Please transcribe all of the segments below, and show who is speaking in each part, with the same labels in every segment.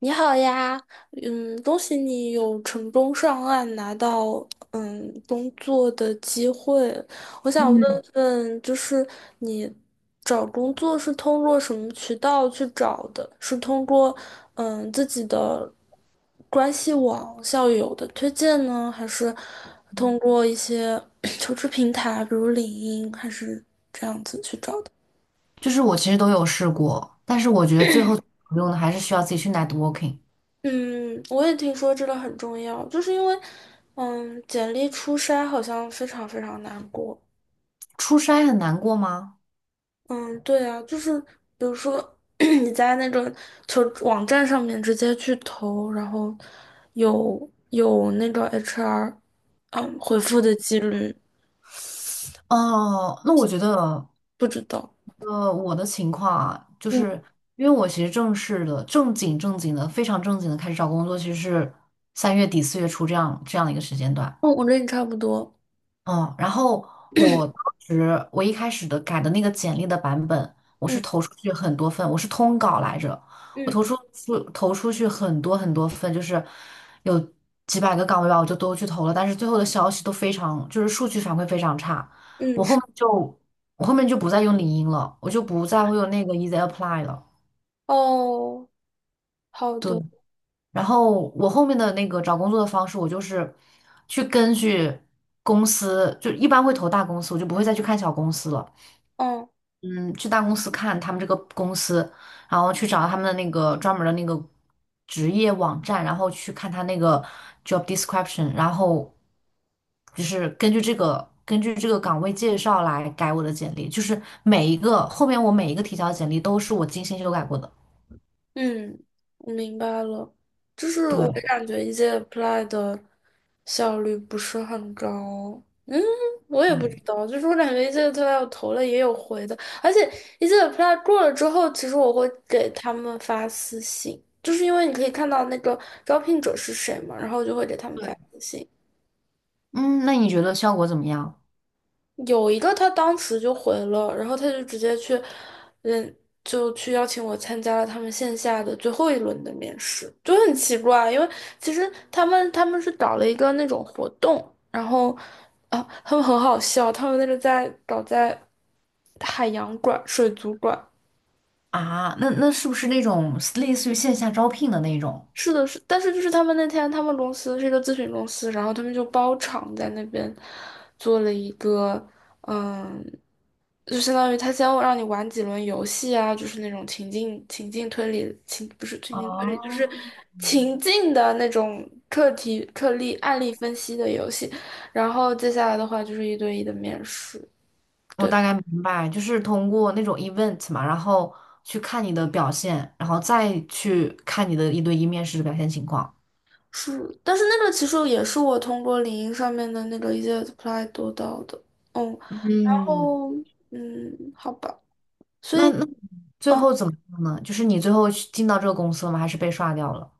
Speaker 1: 你好呀，恭喜你有成功上岸，拿到工作的机会。我想问
Speaker 2: 嗯，
Speaker 1: 问，就是你找工作是通过什么渠道去找的？是通过自己的关系网、校友的推荐呢，还是通过一些 求职平台，比如领英，还是这样子去找的？
Speaker 2: 就是我其实都有试过，但是我觉得最后有用的还是需要自己去 networking。
Speaker 1: 嗯，我也听说这个很重要，就是因为，嗯，简历初筛好像非常非常难过。
Speaker 2: 出差很难过吗？
Speaker 1: 嗯，对啊，就是比如说 你在那种求职网站上面直接去投，然后有那个 HR，嗯，回复的几率
Speaker 2: 哦、那我觉得，
Speaker 1: 不知道。
Speaker 2: 我的情况啊，就
Speaker 1: 嗯，
Speaker 2: 是因为我其实正式的、正经正经的、非常正经的开始找工作，其实是三月底四月初这样的一个时间段。
Speaker 1: 哦，我跟你差不多。
Speaker 2: 嗯，然后我当时一开始的改的那个简历的版本，我是
Speaker 1: 嗯
Speaker 2: 投出去很多份，我是通稿来着，我
Speaker 1: 嗯
Speaker 2: 投出去很多很多份，就是有几百个岗位吧，我就都去投了，但是最后的消息都非常，就是数据反馈非常差，
Speaker 1: 嗯，
Speaker 2: 我后
Speaker 1: 是
Speaker 2: 面就我后面就不再用领英了，我就不再会用那个 Easy Apply 了。
Speaker 1: 哦，好
Speaker 2: 对，
Speaker 1: 的。
Speaker 2: 然后我后面的那个找工作的方式，我就是去根据公司，就一般会投大公司，我就不会再去看小公司了。
Speaker 1: 嗯。
Speaker 2: 嗯，去大公司看他们这个公司，然后去找他们的那个专门的那个职业网站，然后去看他那个 job description，然后就是根据这个岗位介绍来改我的简历，就是每一个后面我每一个提交的简历都是我精心修改过的。
Speaker 1: 嗯，我明白了，就是我
Speaker 2: 对，
Speaker 1: 感觉一届 apply 的效率不是很高，我也不知
Speaker 2: 对，
Speaker 1: 道，就是我感觉一届 apply 我投了也有回的，而且一届 apply 过了之后，其实我会给他们发私信，就是因为你可以看到那个招聘者是谁嘛，然后我就会给他们发
Speaker 2: 对
Speaker 1: 私信，
Speaker 2: 嗯，那你觉得效果怎么样
Speaker 1: 有一个他当时就回了，然后他就直接去，嗯，就去邀请我参加了他们线下的最后一轮的面试，就很奇怪，因为其实他们是搞了一个那种活动，然后啊，他们很好笑，他们那个在搞在海洋馆、水族馆，
Speaker 2: 啊？那是不是那种类似于线下招聘的那种？
Speaker 1: 是的，是，但是就是他们那天，他们公司是一个咨询公司，然后他们就包场在那边做了一个，嗯，就相当于他先让你玩几轮游戏啊，就是那种情境情境推理情不是情境推理，就
Speaker 2: 哦，
Speaker 1: 是情境的那种课题课例案例分析的游戏，然后接下来的话就是一对一的面试。
Speaker 2: 我大概明白，就是通过那种 event 嘛，然后去看你的表现，然后再去看你的一对一面试的表现情况。
Speaker 1: 是，但是那个其实也是我通过领英上面的那个一些 apply 得到的。嗯
Speaker 2: 嗯，
Speaker 1: 哦，嗯，好吧，所
Speaker 2: 那
Speaker 1: 以，
Speaker 2: 那最
Speaker 1: 嗯
Speaker 2: 后怎么样呢？就是你最后去进到这个公司了吗？还是被刷掉了？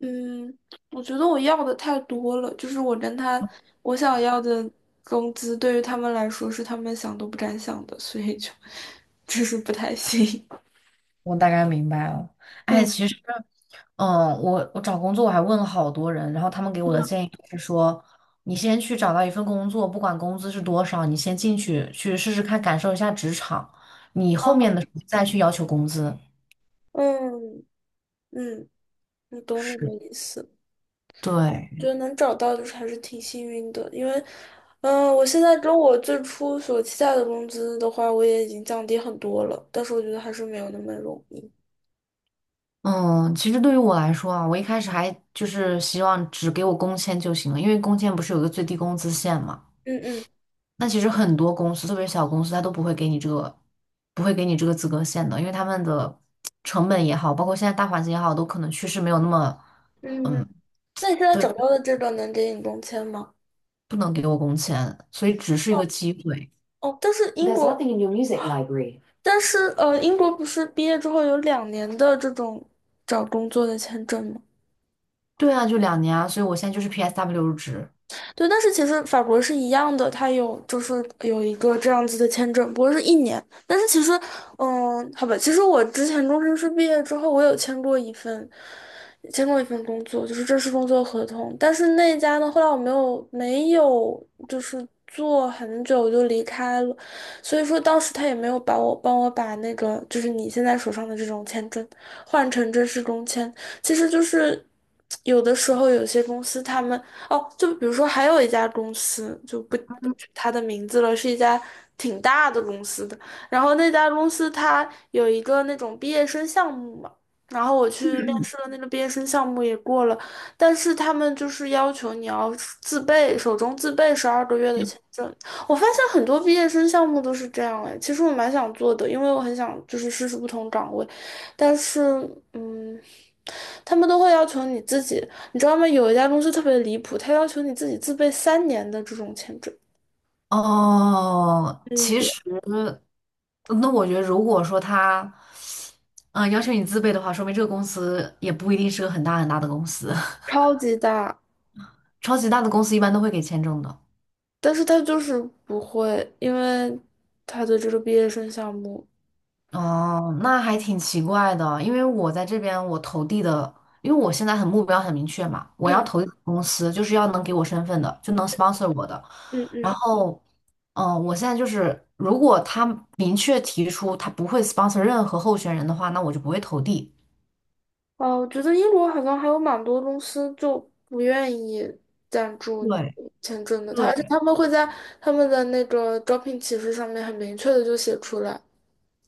Speaker 1: 嗯，我觉得我要的太多了，就是我跟他，我想要的工资对于他们来说是他们想都不敢想的，所以就 就是不太行。
Speaker 2: 我大概明白了。哎，
Speaker 1: 嗯，
Speaker 2: 其实，嗯，我找工作我还问了好多人，然后他们给
Speaker 1: 是
Speaker 2: 我的
Speaker 1: 吗？
Speaker 2: 建议就是说，你先去找到一份工作，不管工资是多少，你先进去试试看，感受一下职场，你后面的时候再去要求工资。
Speaker 1: 嗯嗯，我懂你
Speaker 2: 是。
Speaker 1: 的意思，觉
Speaker 2: 对，
Speaker 1: 得能找到就是还是挺幸运的，因为，嗯，我现在跟我最初所期待的工资的话，我也已经降低很多了，但是我觉得还是没有那么容易。
Speaker 2: 嗯，其实对于我来说啊，我一开始还就是希望只给我工签就行了，因为工签不是有一个最低工资线嘛。
Speaker 1: 嗯嗯。
Speaker 2: 那其实很多公司，特别是小公司，它都不会给你这个，不会给你这个资格线的，因为他们的成本也好，包括现在大环境也好，都可能趋势没有那么，
Speaker 1: 嗯，
Speaker 2: 嗯，
Speaker 1: 那你现在
Speaker 2: 对，
Speaker 1: 找到的这个能给你工签吗？
Speaker 2: 不能给我工签，所以只是一个机会。
Speaker 1: 哦，但是英 There's 国，但是英国不是毕业之后有2年的这种找工作的签证吗？
Speaker 2: 对啊，就两年啊，所以我现在就是 PSW 入职。
Speaker 1: 对，但是其实法国是一样的，它有就是有一个这样子的签证，不过是1年。但是其实，嗯，好吧，其实我之前中师毕业之后，我有签过一份，签过一份工作，就是正式工作合同。但是那家呢，后来我没有就是做很久我就离开了，所以说当时他也没有把我帮我把那个就是你现在手上的这种签证换成正式工签，其实就是有的时候有些公司他们。哦，就比如说还有一家公司，就不取它的名字了，是一家挺大的公司的。然后那家公司它有一个那种毕业生项目嘛，然后我去面试了那个毕业生项目也过了，但是他们就是要求你要自备，手中自备12个月的签证。我发现很多毕业生项目都是这样哎，其实我蛮想做的，因为我很想就是试试不同岗位，但是嗯。他们都会要求你自己你知道吗？有一家公司特别离谱，他要求你自己自备3年的这种签证，
Speaker 2: 哦，
Speaker 1: 这
Speaker 2: 其
Speaker 1: 一
Speaker 2: 实那我觉得，如果说他，嗯、要求你自备的话，说明这个公司也不一定是个很大的公司，
Speaker 1: 超级大，
Speaker 2: 超级大的公司一般都会给签证的。
Speaker 1: 但是他就是不会，因为他的这个毕业生项目，
Speaker 2: 哦，那还挺奇怪的，因为我在这边我投递的，因为我现在很目标很明确嘛，我要
Speaker 1: 嗯
Speaker 2: 投递的公司就是要能给我身份的，就能 sponsor 我的。
Speaker 1: 嗯嗯，
Speaker 2: 然后，我现在就是，如果他明确提出他不会 sponsor 任何候选人的话，那我就不会投递。
Speaker 1: 哦，我觉得英国好像还有蛮多公司就不愿意赞助你
Speaker 2: 对，
Speaker 1: 签证的，他而且
Speaker 2: 对。
Speaker 1: 他们会在他们的那个招聘启事上面很明确的就写出来，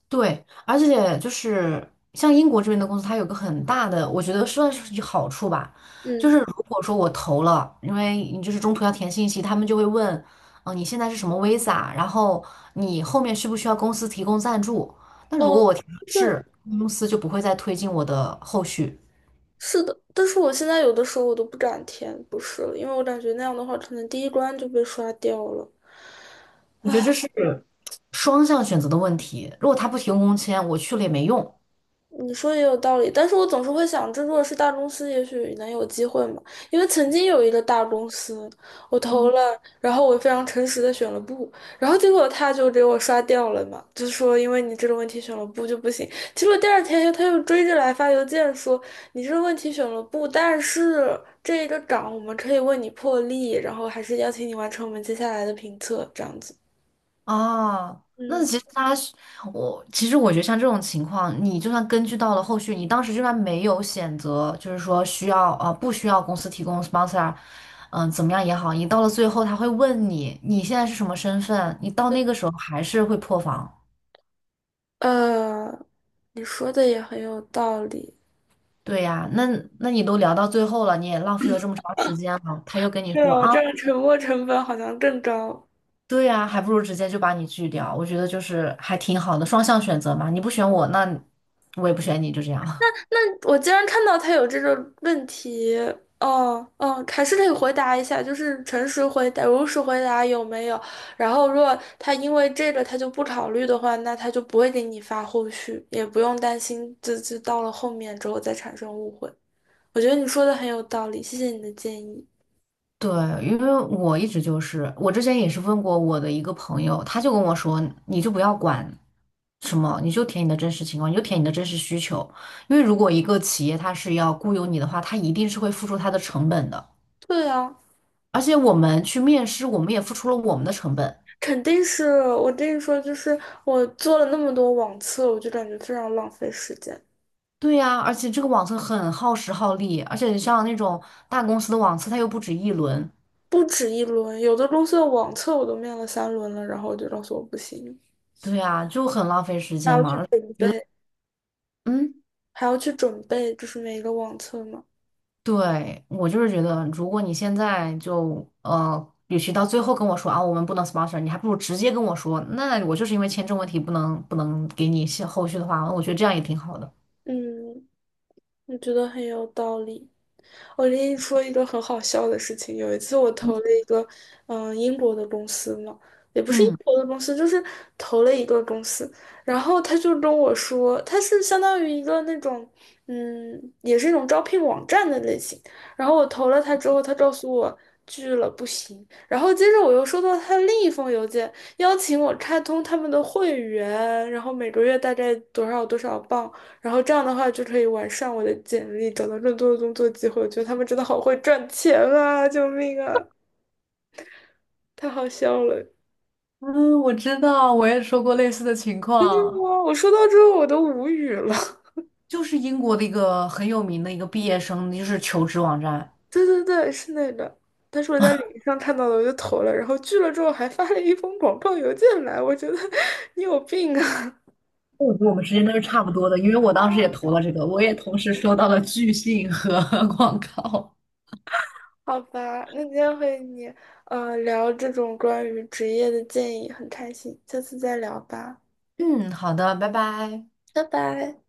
Speaker 2: 对，而且就是像英国这边的公司，它有个很大的，我觉得算是有好处吧，就
Speaker 1: 嗯，
Speaker 2: 是如果说我投了，因为你就是中途要填信息，他们就会问，你现在是什么 visa，然后你后面需不需要公司提供赞助？那如果
Speaker 1: 哦，
Speaker 2: 我填了
Speaker 1: 对，
Speaker 2: 是，公司就不会再推进我的后续。
Speaker 1: 是的，但是我现在有的时候我都不敢填，不是了因为我感觉那样的话，可能第一关就被刷掉了。
Speaker 2: 我觉得这是双向选择的问题，如果他不提供工签，我去了也没用。
Speaker 1: 你说的也有道理，但是我总是会想这如果是大公司，也许能有机会嘛。因为曾经有一个大公司，我投了，然后我非常诚实的选了不，然后结果他就给我刷掉了嘛，就说因为你这个问题选了不就不行。结果第二天他又追着来发邮件说，你这个问题选了不，但是这个岗我们可以为你破例，然后还是邀请你完成我们接下来的评测，这样子。
Speaker 2: 哦，那
Speaker 1: 嗯，
Speaker 2: 其实他是其实我觉得像这种情况，你就算根据到了后续，你当时就算没有选择，就是说需要不需要公司提供 sponsor，怎么样也好，你到了最后他会问你你现在是什么身份，你到那个时候还是会破防。
Speaker 1: 呃，你说的也很有道理。
Speaker 2: 对呀、那你都聊到最后了，你也浪费了这么长时间了，他又跟你
Speaker 1: 对
Speaker 2: 说
Speaker 1: 哦，
Speaker 2: 啊，
Speaker 1: 这样沉没成本好像更高。
Speaker 2: 对呀、还不如直接就把你拒掉。我觉得就是还挺好的，双向选择嘛，你不选我，那我也不选你，就这样。
Speaker 1: 我竟然看到他有这个问题，哦哦，还是得回答一下，就是诚实回答、如实回答有没有。然后，如果他因为这个他就不考虑的话，那他就不会给你发后续，也不用担心自己到了后面之后再产生误会。我觉得你说的很有道理，谢谢你的建议。
Speaker 2: 对，因为我一直就是，我之前也是问过我的一个朋友，他就跟我说，你就不要管什么，你就填你的真实情况，你就填你的真实需求，因为如果一个企业它是要雇佣你的话，它一定是会付出它的成本的，
Speaker 1: 对啊，
Speaker 2: 而且我们去面试，我们也付出了我们的成本。
Speaker 1: 肯定是我跟你说，就是我做了那么多网测，我就感觉非常浪费时间。
Speaker 2: 对呀，而且这个网测很耗时耗力，而且像那种大公司的网测，它又不止一轮，
Speaker 1: 不止一轮，有的公司的网测我都面了3轮了，然后我就告诉我不行，
Speaker 2: 对呀，就很浪费时
Speaker 1: 还
Speaker 2: 间
Speaker 1: 要去
Speaker 2: 嘛，
Speaker 1: 准
Speaker 2: 就觉得
Speaker 1: 备，
Speaker 2: 嗯。
Speaker 1: 还要去准备，就是每一个网测嘛。
Speaker 2: 对，我就是觉得，如果你现在就与其到最后跟我说啊，我们不能 sponsor，你还不如直接跟我说，那我就是因为签证问题不能给你下后续的话，我觉得这样也挺好的。
Speaker 1: 嗯，我觉得很有道理。我跟你说一个很好笑的事情，有一次我投了一个，嗯、英国的公司嘛，也不是英
Speaker 2: 嗯，
Speaker 1: 国的公司，就是投了一个公司，然后他就跟我说，他是相当于一个那种，嗯，也是一种招聘网站的类型，然后我投了他之后，他告诉我拒了，不行，然后接着我又收到他另一封邮件，邀请我开通他们的会员，然后每个月大概多少多少镑。然后这样的话就可以完善我的简历，找到更多的工作机会。我觉得他们真的好会赚钱啊！救命啊！太好笑了！
Speaker 2: 嗯，我知道，我也说过类似的情况。
Speaker 1: 哇，我说到之后我都无语了。
Speaker 2: 就是英国的一个很有名的一个毕业生，就是求职网站。
Speaker 1: 对对对，是那个。但是我在领英上看到了，我就投了，然后拒了之后还发了一封广告邮件来，我觉得 你有病啊！
Speaker 2: 我觉得我们时间都是差不多的，因为我当时也投了这个，我也同时收到了拒信和 广告。
Speaker 1: 好吧，那今天和你聊这种关于职业的建议很开心，下次再聊吧，
Speaker 2: 嗯，好的，拜拜。
Speaker 1: 拜拜。